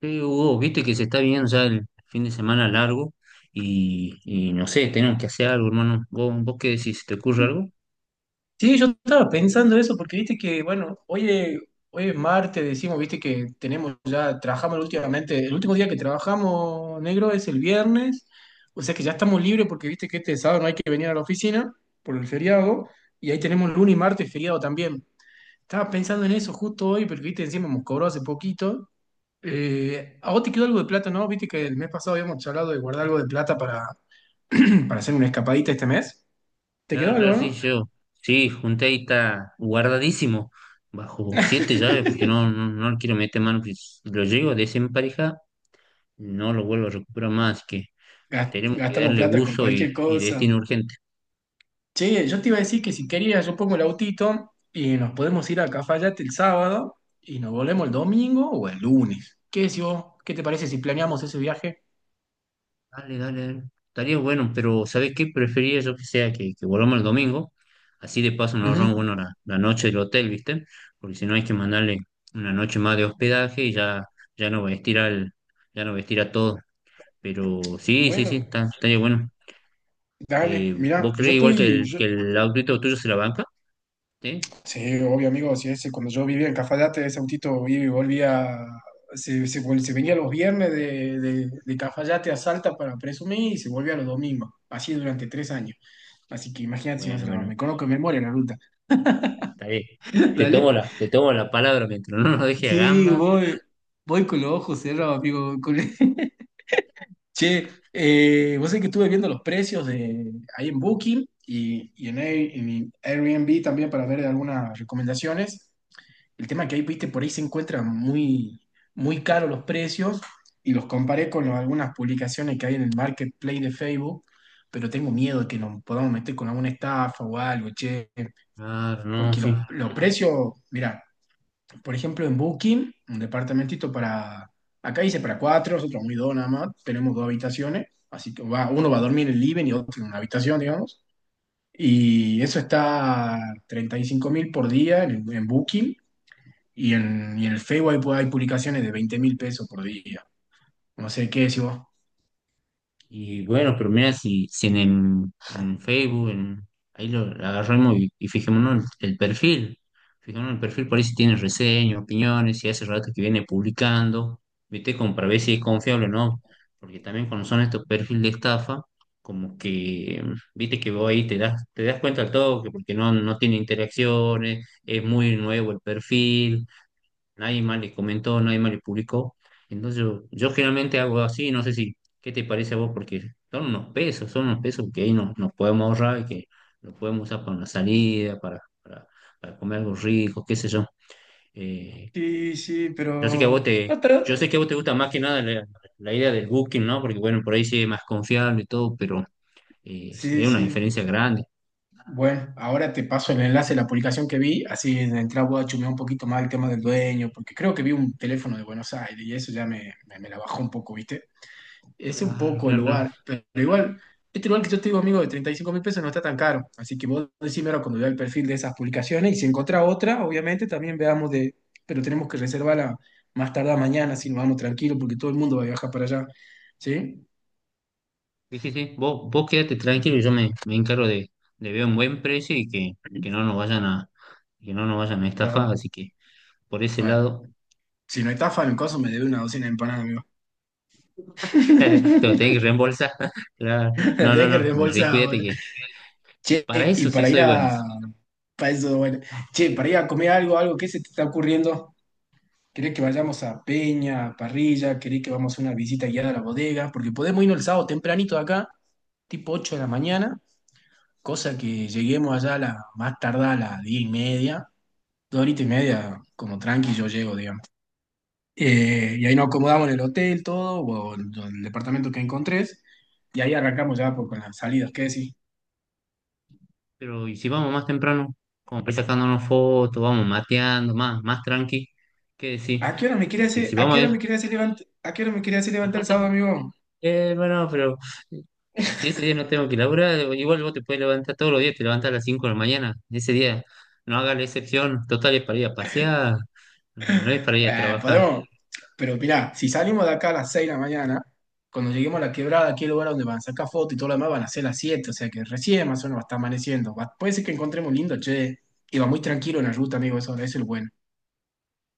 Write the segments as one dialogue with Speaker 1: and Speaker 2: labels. Speaker 1: Sí, Hugo, viste que se está viendo ya el fin de semana largo y no sé, tenemos que hacer algo, hermano. ¿Vos qué decís? ¿Se ¿Te ocurre algo?
Speaker 2: Sí, yo estaba pensando eso porque viste que, bueno, hoy es martes, decimos, viste que tenemos ya, trabajamos últimamente, el último día que trabajamos negro es el viernes, o sea que ya estamos libres porque viste que este sábado no hay que venir a la oficina por el feriado, y ahí tenemos lunes y martes feriado también. Estaba pensando en eso justo hoy, porque viste, encima hemos cobrado hace poquito. ¿A vos te quedó algo de plata, no? Viste que el mes pasado habíamos charlado de guardar algo de plata para, para hacer una escapadita este mes. ¿Te quedó
Speaker 1: Claro, claro,
Speaker 2: algo,
Speaker 1: sí,
Speaker 2: no?
Speaker 1: yo. Sí, junté ahí, está guardadísimo, bajo siete llaves, porque no le quiero meter mano. Porque si lo llego a desemparejar, no lo vuelvo a recuperar más, así que tenemos que
Speaker 2: Gastamos
Speaker 1: darle
Speaker 2: plata con
Speaker 1: uso y,
Speaker 2: cualquier
Speaker 1: y
Speaker 2: cosa.
Speaker 1: destino urgente.
Speaker 2: Che, yo te iba a decir que si querías, yo pongo el autito y nos podemos ir a Cafayate el sábado y nos volvemos el domingo o el lunes. ¿Qué decís vos? ¿Qué te parece si planeamos ese viaje?
Speaker 1: Dale, dale, dale. Estaría bueno, pero ¿sabes qué? Preferiría yo que volvamos el domingo. Así de paso nos ahorramos, bueno,
Speaker 2: Ujú.
Speaker 1: la noche del hotel, ¿viste? Porque si no hay que mandarle una noche más de hospedaje y ya, ya no vestir al, ya no vestir a todo. Pero sí, sí, sí,
Speaker 2: Bueno,
Speaker 1: estaría bueno.
Speaker 2: dale,
Speaker 1: ¿Vos
Speaker 2: mirá,
Speaker 1: crees igual que el autito tuyo se la banca? ¿Sí?
Speaker 2: sí, obvio, amigo. Sí, ese, cuando yo vivía en Cafayate, ese autito iba y volvía. Se venía los viernes de Cafayate a Salta para presumir y se volvía los domingos. Así durante 3 años. Así que imagínate si no
Speaker 1: Bueno,
Speaker 2: se la
Speaker 1: bueno,
Speaker 2: me conozco de memoria la ruta.
Speaker 1: está bien. Te tomo
Speaker 2: ¿Dale?
Speaker 1: te tomo la palabra mientras no nos deje a
Speaker 2: Sí,
Speaker 1: gamba.
Speaker 2: voy con los ojos cerrados, amigo. Che, vos sabés que estuve viendo los precios de, ahí en Booking y en Airbnb también para ver algunas recomendaciones. El tema que ahí, viste, por ahí se encuentran muy, muy caros los precios y los comparé con los- algunas publicaciones que hay en el marketplace de Facebook, pero tengo miedo de que nos podamos meter con alguna estafa o algo, che,
Speaker 1: Ah, no,
Speaker 2: porque los,
Speaker 1: sí.
Speaker 2: los precios, mira, por ejemplo, en Booking, un departamentito para, acá dice para cuatro, nosotros muy dos nada más, tenemos dos habitaciones, así que va, uno va a dormir en el living y otro en una habitación, digamos, y eso está 35.000 por día en Booking y en el Facebook hay, hay publicaciones de 20.000 pesos por día. No sé qué decís vos.
Speaker 1: Y bueno, pero mira, si, si en, en Facebook, en, ahí lo agarramos y fijémonos el perfil. Fijémonos el perfil, por ahí si tiene reseñas, opiniones, si hace rato que viene publicando, ¿viste? Como para ver si es confiable o no. Porque también cuando son estos perfiles de estafa, como que, viste que vos ahí te das cuenta al toque, porque no, no tiene interacciones, es muy nuevo el perfil, nadie más le comentó, nadie más le publicó. Entonces yo generalmente hago así, no sé si, ¿qué te parece a vos? Porque son unos pesos que ahí nos podemos ahorrar y que los podemos usar para una salida, para comer algo rico, qué sé yo. Eh,
Speaker 2: Sí, sí,
Speaker 1: yo sé que a
Speaker 2: pero...
Speaker 1: vos te, yo sé
Speaker 2: Otra...
Speaker 1: que a vos te gusta más que nada la idea del booking, ¿no? Porque bueno, por ahí sí es más confiable y todo, pero es
Speaker 2: Sí,
Speaker 1: una
Speaker 2: sí.
Speaker 1: diferencia grande.
Speaker 2: Bueno, ahora te paso el enlace de la publicación que vi, así de entrada voy a chumear un poquito más el tema del dueño, porque creo que vi un teléfono de Buenos Aires y eso ya me la bajó un poco, ¿viste? Es un
Speaker 1: Claro,
Speaker 2: poco el
Speaker 1: claro, claro.
Speaker 2: lugar, pero igual, este lugar que yo te digo, amigo, de 35.000 pesos no está tan caro. Así que vos decime ahora cuando vea el perfil de esas publicaciones y si encontrá otra, obviamente también veamos de, pero tenemos que reservarla más tardar mañana si nos vamos tranquilos porque todo el mundo va a viajar para allá. ¿Sí?
Speaker 1: Sí, sí, sí. Vos quédate tranquilo, me encargo de ver un buen precio y que no nos vayan a, que no nos vayan a estafar,
Speaker 2: Ajá.
Speaker 1: así que por ese
Speaker 2: Bueno,
Speaker 1: lado
Speaker 2: si no estafa en caso me debe una docena de empanadas, amigo.
Speaker 1: te lo tenés que reembolsar. Claro.
Speaker 2: La
Speaker 1: No, no,
Speaker 2: tenés que
Speaker 1: no.
Speaker 2: reembolsar,
Speaker 1: Cuídate
Speaker 2: boludo.
Speaker 1: que
Speaker 2: Che,
Speaker 1: para
Speaker 2: y
Speaker 1: eso sí
Speaker 2: para ir
Speaker 1: soy bueno.
Speaker 2: a... Para eso, bueno. Che, para ir a comer algo, algo, ¿qué se te está ocurriendo? ¿Querés que vayamos a Peña, a Parrilla? ¿Querés que vamos a una visita guiada a la bodega? Porque podemos irnos el sábado tempranito de acá, tipo 8 de la mañana, cosa que lleguemos allá a la, más tardar a las 10 y media, dos horitas y media, como tranqui yo llego, digamos. Y ahí nos acomodamos en el hotel, todo, o en el departamento que encontrés, y ahí arrancamos ya por, con las salidas, ¿qué decís?
Speaker 1: Pero y si vamos más temprano, como para ir sacándonos fotos, vamos mateando, más tranqui, ¿qué decir?
Speaker 2: ¿A qué hora me quería
Speaker 1: Porque
Speaker 2: hacer,
Speaker 1: si
Speaker 2: a
Speaker 1: vamos
Speaker 2: qué
Speaker 1: a
Speaker 2: hora
Speaker 1: ir-
Speaker 2: me quería hacer levantar, a qué hora me quería hacer levantar el sábado, amigo?
Speaker 1: Bueno, pero si ese día no tengo que laburar, igual vos te puedes levantar todos los días, te levantas a las 5 de la mañana. Ese día no hagas la excepción, total es para ir a pasear, no es para ir a trabajar.
Speaker 2: Podemos. Pero mirá, si salimos de acá a las 6 de la mañana, cuando lleguemos a la quebrada, aquí el lugar donde van a sacar fotos y todo lo demás, van a ser las siete, o sea que recién más o menos va a estar amaneciendo. Puede ser que encontremos lindo, che. Y va muy tranquilo en la ruta, amigo, eso es lo bueno.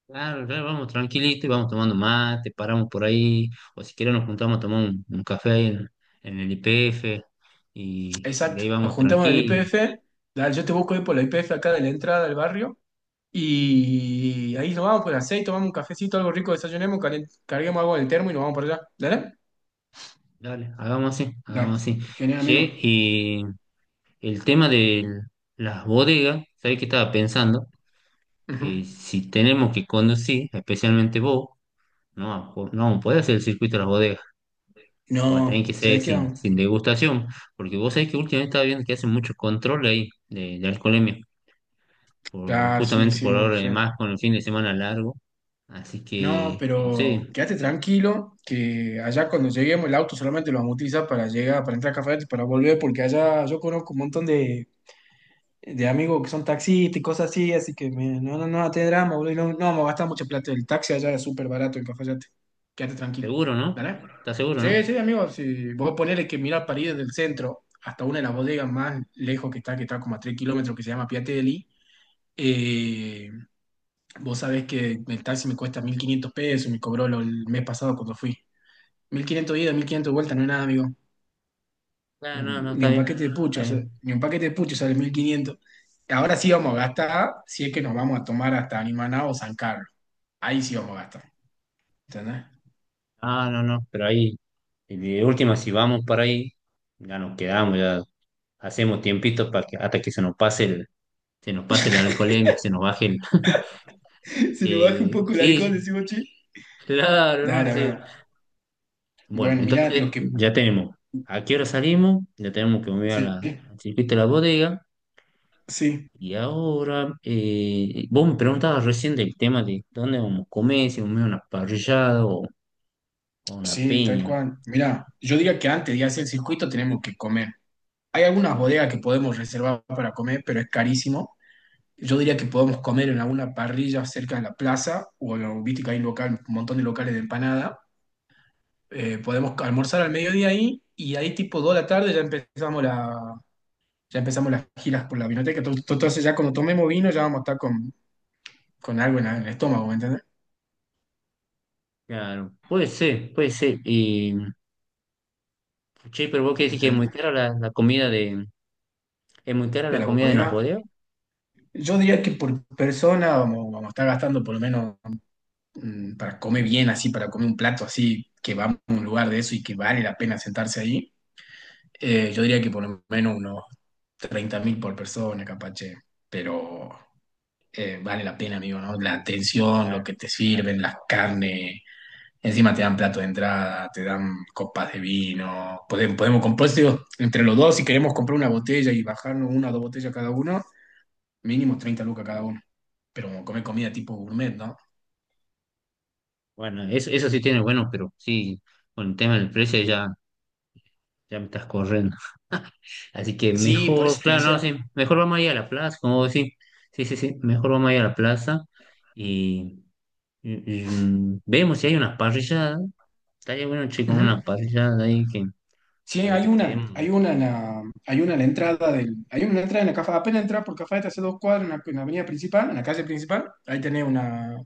Speaker 1: Claro, claro, vamos tranquilito y vamos tomando mate, paramos por ahí, o si querés nos juntamos a tomar un café ahí en el IPF y de
Speaker 2: Exacto,
Speaker 1: ahí
Speaker 2: nos
Speaker 1: vamos
Speaker 2: juntamos en el
Speaker 1: tranquilos.
Speaker 2: IPF, dale, yo te busco ahí por la IPF acá de la entrada del barrio, y ahí nos vamos por las seis, tomamos un cafecito, algo rico, desayunemos, carguemos algo en el termo y nos vamos por allá. ¿Dale?
Speaker 1: Dale, hagamos así,
Speaker 2: Dale.
Speaker 1: hagamos así.
Speaker 2: Genial, amigo.
Speaker 1: Che, y el tema de las bodegas, ¿sabés qué estaba pensando?
Speaker 2: Ujú.
Speaker 1: Que si tenemos que conducir, especialmente vos, no, po- no puede hacer el circuito de las bodegas. O va a tener que
Speaker 2: No,
Speaker 1: ser
Speaker 2: ¿sabés qué?
Speaker 1: sin, sin degustación. Porque vos sabés que últimamente estaba viendo que hacen mucho control ahí de alcoholemia. Por,
Speaker 2: Claro, sí,
Speaker 1: justamente por
Speaker 2: sí,
Speaker 1: ahora,
Speaker 2: sí.
Speaker 1: además con el fin de semana largo. Así
Speaker 2: No,
Speaker 1: que, no
Speaker 2: pero
Speaker 1: sé,
Speaker 2: quédate tranquilo, que allá cuando lleguemos el auto solamente lo vamos a utilizar para llegar, para entrar a Cafayate y para volver, porque allá yo conozco un montón de amigos que son taxistas y cosas así, así que no, no, no, te drama, boludo, y no, no vamos a gastar mucho plata. El taxi allá es súper barato en Cafayate. Quédate tranquilo,
Speaker 1: seguro, ¿no?
Speaker 2: ¿vale?
Speaker 1: ¿Estás seguro,
Speaker 2: Sí,
Speaker 1: no?
Speaker 2: sí, amigo, sí. Vos ponele que mirar para ir desde el centro hasta una de las bodegas más lejos que está como a 3 kilómetros, que se llama Piatelli. eh, Vos sabés que el taxi me cuesta 1.500 pesos, me cobró el mes pasado cuando fui. 1.500 ida, 1.500 vuelta, no es nada, amigo.
Speaker 1: Ah, no, no,
Speaker 2: Ni
Speaker 1: está
Speaker 2: un
Speaker 1: bien.
Speaker 2: paquete de pucho
Speaker 1: Está bien.
Speaker 2: ni un paquete de pucho sale 1.500. Ahora sí vamos a gastar, si es que nos vamos a tomar hasta Animaná o San Carlos. Ahí sí vamos a gastar, ¿entendés?
Speaker 1: Ah, no, no, pero ahí, de última, si vamos para ahí, ya nos quedamos, ya hacemos tiempitos para que, hasta que se nos pase el, se nos pase la alcoholemia, se nos baje el.
Speaker 2: Si nos baja un poco el
Speaker 1: Sí,
Speaker 2: alcohol,
Speaker 1: sí.
Speaker 2: decimos, che.
Speaker 1: Claro, hermano,
Speaker 2: Dale,
Speaker 1: sí.
Speaker 2: amigo.
Speaker 1: Bueno,
Speaker 2: Bueno, mirá, lo
Speaker 1: entonces
Speaker 2: que...
Speaker 1: ya tenemos a qué hora salimos, ya tenemos que mover a
Speaker 2: Sí,
Speaker 1: al circuito de la bodega.
Speaker 2: sí,
Speaker 1: Y ahora, vos me preguntabas recién del tema de dónde vamos a comer, si vamos a una parrillada o una
Speaker 2: sí, tal
Speaker 1: peña.
Speaker 2: cual. Mirá, yo diría que antes de hacer el circuito tenemos que comer. Hay algunas bodegas que podemos reservar para comer, pero es carísimo. Yo diría que podemos comer en alguna parrilla cerca de la plaza, o no, viste que hay un local, un montón de locales de empanada. Podemos almorzar al mediodía ahí y ahí tipo 2 de la tarde ya empezamos la, ya empezamos las giras por la vinoteca. Entonces ya cuando tomemos vino ya vamos a estar con algo en, en el estómago, ¿me entendés?
Speaker 1: Claro, puede ser, puede ser. Y, che, pero vos qué decís que es muy
Speaker 2: Entonces,
Speaker 1: cara es muy cara
Speaker 2: de
Speaker 1: la
Speaker 2: la
Speaker 1: comida en las
Speaker 2: bodega.
Speaker 1: bodegas.
Speaker 2: Yo diría que por persona vamos a estar gastando por lo menos para comer bien así, para comer un plato así, que vamos a un lugar de eso y que vale la pena sentarse ahí. Yo diría que por lo menos unos 30.000 por persona, capache, pero vale la pena, amigo, ¿no? La
Speaker 1: Sí,
Speaker 2: atención,
Speaker 1: claro.
Speaker 2: lo que te sirven, las carnes, encima te dan plato de entrada, te dan copas de vino, podemos, podemos comprar, digo, entre los dos, si queremos comprar una botella y bajarnos una o dos botellas cada uno, mínimo 30 lucas cada uno, pero como comer comida tipo gourmet, ¿no?
Speaker 1: Bueno, eso sí tiene bueno, pero sí, con el tema del precio ya. Ya me estás corriendo. Así que
Speaker 2: Sí, por
Speaker 1: mejor,
Speaker 2: eso te
Speaker 1: claro, no,
Speaker 2: decía.
Speaker 1: sí, mejor vamos a ir a la plaza, como vos decís. Sí, sí, sí, mejor vamos a ir a la plaza y, mm, vemos si hay unas parrilladas. Estaría bueno, chicos, una
Speaker 2: Ujú.
Speaker 1: parrillada ahí que,
Speaker 2: Sí,
Speaker 1: para que quedemos.
Speaker 2: hay una en la, hay una en la entrada del, hay una entrada en la Cafá, apenas entras por Cafá, te hace dos cuadras en la avenida principal, en la calle principal, ahí tenés una,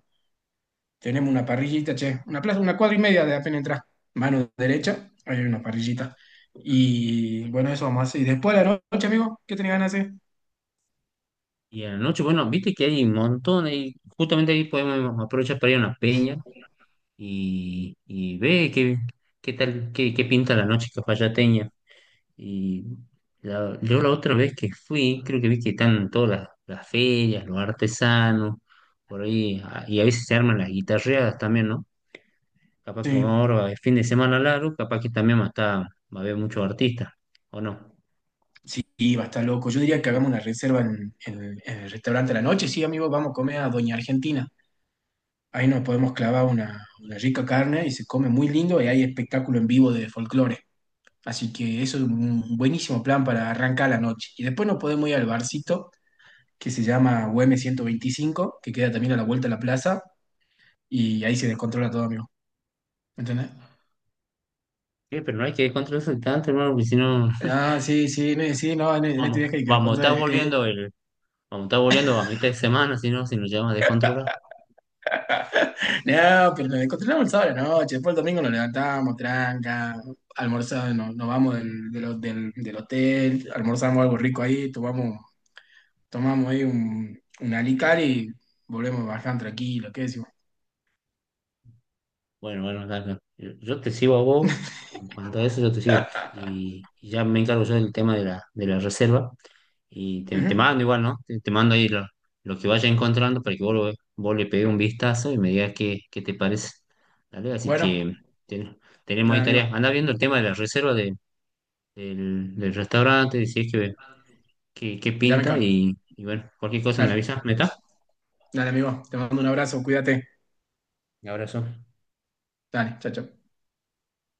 Speaker 2: tenemos una parrillita, che, una plaza, una cuadra y media de apenas entrar. Mano derecha, ahí hay una
Speaker 1: ¿No?
Speaker 2: parrillita. Y bueno, eso vamos a hacer. Y después de la noche, amigo, ¿qué tenés ganas de hacer?
Speaker 1: Y a la noche, bueno, viste que hay un montón, y justamente ahí podemos aprovechar para ir a una peña y ve qué pinta la noche que y la- yo la otra vez que fui, creo que vi que están todas las ferias, los artesanos, por ahí, ah, y a veces se arman las guitarreadas también, ¿no? Capaz que
Speaker 2: Sí,
Speaker 1: como ahora es fin de semana largo, capaz que también va a estar- va a haber muchos artistas, ¿o no?
Speaker 2: sí, sí, va a estar loco. Yo diría
Speaker 1: Sí,
Speaker 2: que hagamos
Speaker 1: sí.
Speaker 2: una reserva en, en el restaurante a la noche, sí, amigo, vamos a comer a Doña Argentina. Ahí nos podemos clavar una rica carne y se come muy lindo y hay espectáculo en vivo de folclore. Así que eso es un buenísimo plan para arrancar la noche. Y después nos podemos ir al barcito que se llama UM 125, que queda también a la vuelta de la plaza y ahí se descontrola todo, amigo. ¿Me ¿Entendés?
Speaker 1: Sí, pero no hay que descontrolarse tanto, hermano, porque si no,
Speaker 2: Ah, sí, sí, no, sí, no, en este viaje
Speaker 1: vamos,
Speaker 2: hay que
Speaker 1: vamos, está
Speaker 2: descontrolar.
Speaker 1: volviendo el, vamos, está volviendo a mitad de semana, si no, si nos llevamos a descontrolar.
Speaker 2: No, pero nos descontrolamos el sábado a la noche, después el domingo nos levantamos, tranca, almorzamos, nos, nos vamos del, del, del hotel, almorzamos algo rico ahí, tomamos ahí un alicar y volvemos bastante tranquilo, ¿qué decimos?
Speaker 1: Bueno, bueno, Carlos, yo te sigo a vos, en cuanto a eso yo te sigo, y ya me encargo yo del tema de de la reserva, te
Speaker 2: Ujú.
Speaker 1: mando igual, ¿no? Te mando ahí lo que vaya encontrando para que vos, lo, vos le pegues un vistazo y me digas qué, qué te parece, dale, así
Speaker 2: Bueno,
Speaker 1: que ten- tenemos
Speaker 2: dale
Speaker 1: ahí
Speaker 2: amigo,
Speaker 1: tareas, anda viendo el tema de la reserva de- del restaurante, si es que, que
Speaker 2: ya me
Speaker 1: pinta,
Speaker 2: encargo.
Speaker 1: y bueno, cualquier cosa me
Speaker 2: Dale,
Speaker 1: avisas, ¿me está?
Speaker 2: dale amigo, te mando un abrazo, cuídate.
Speaker 1: Un abrazo.
Speaker 2: Dale, chao, chao.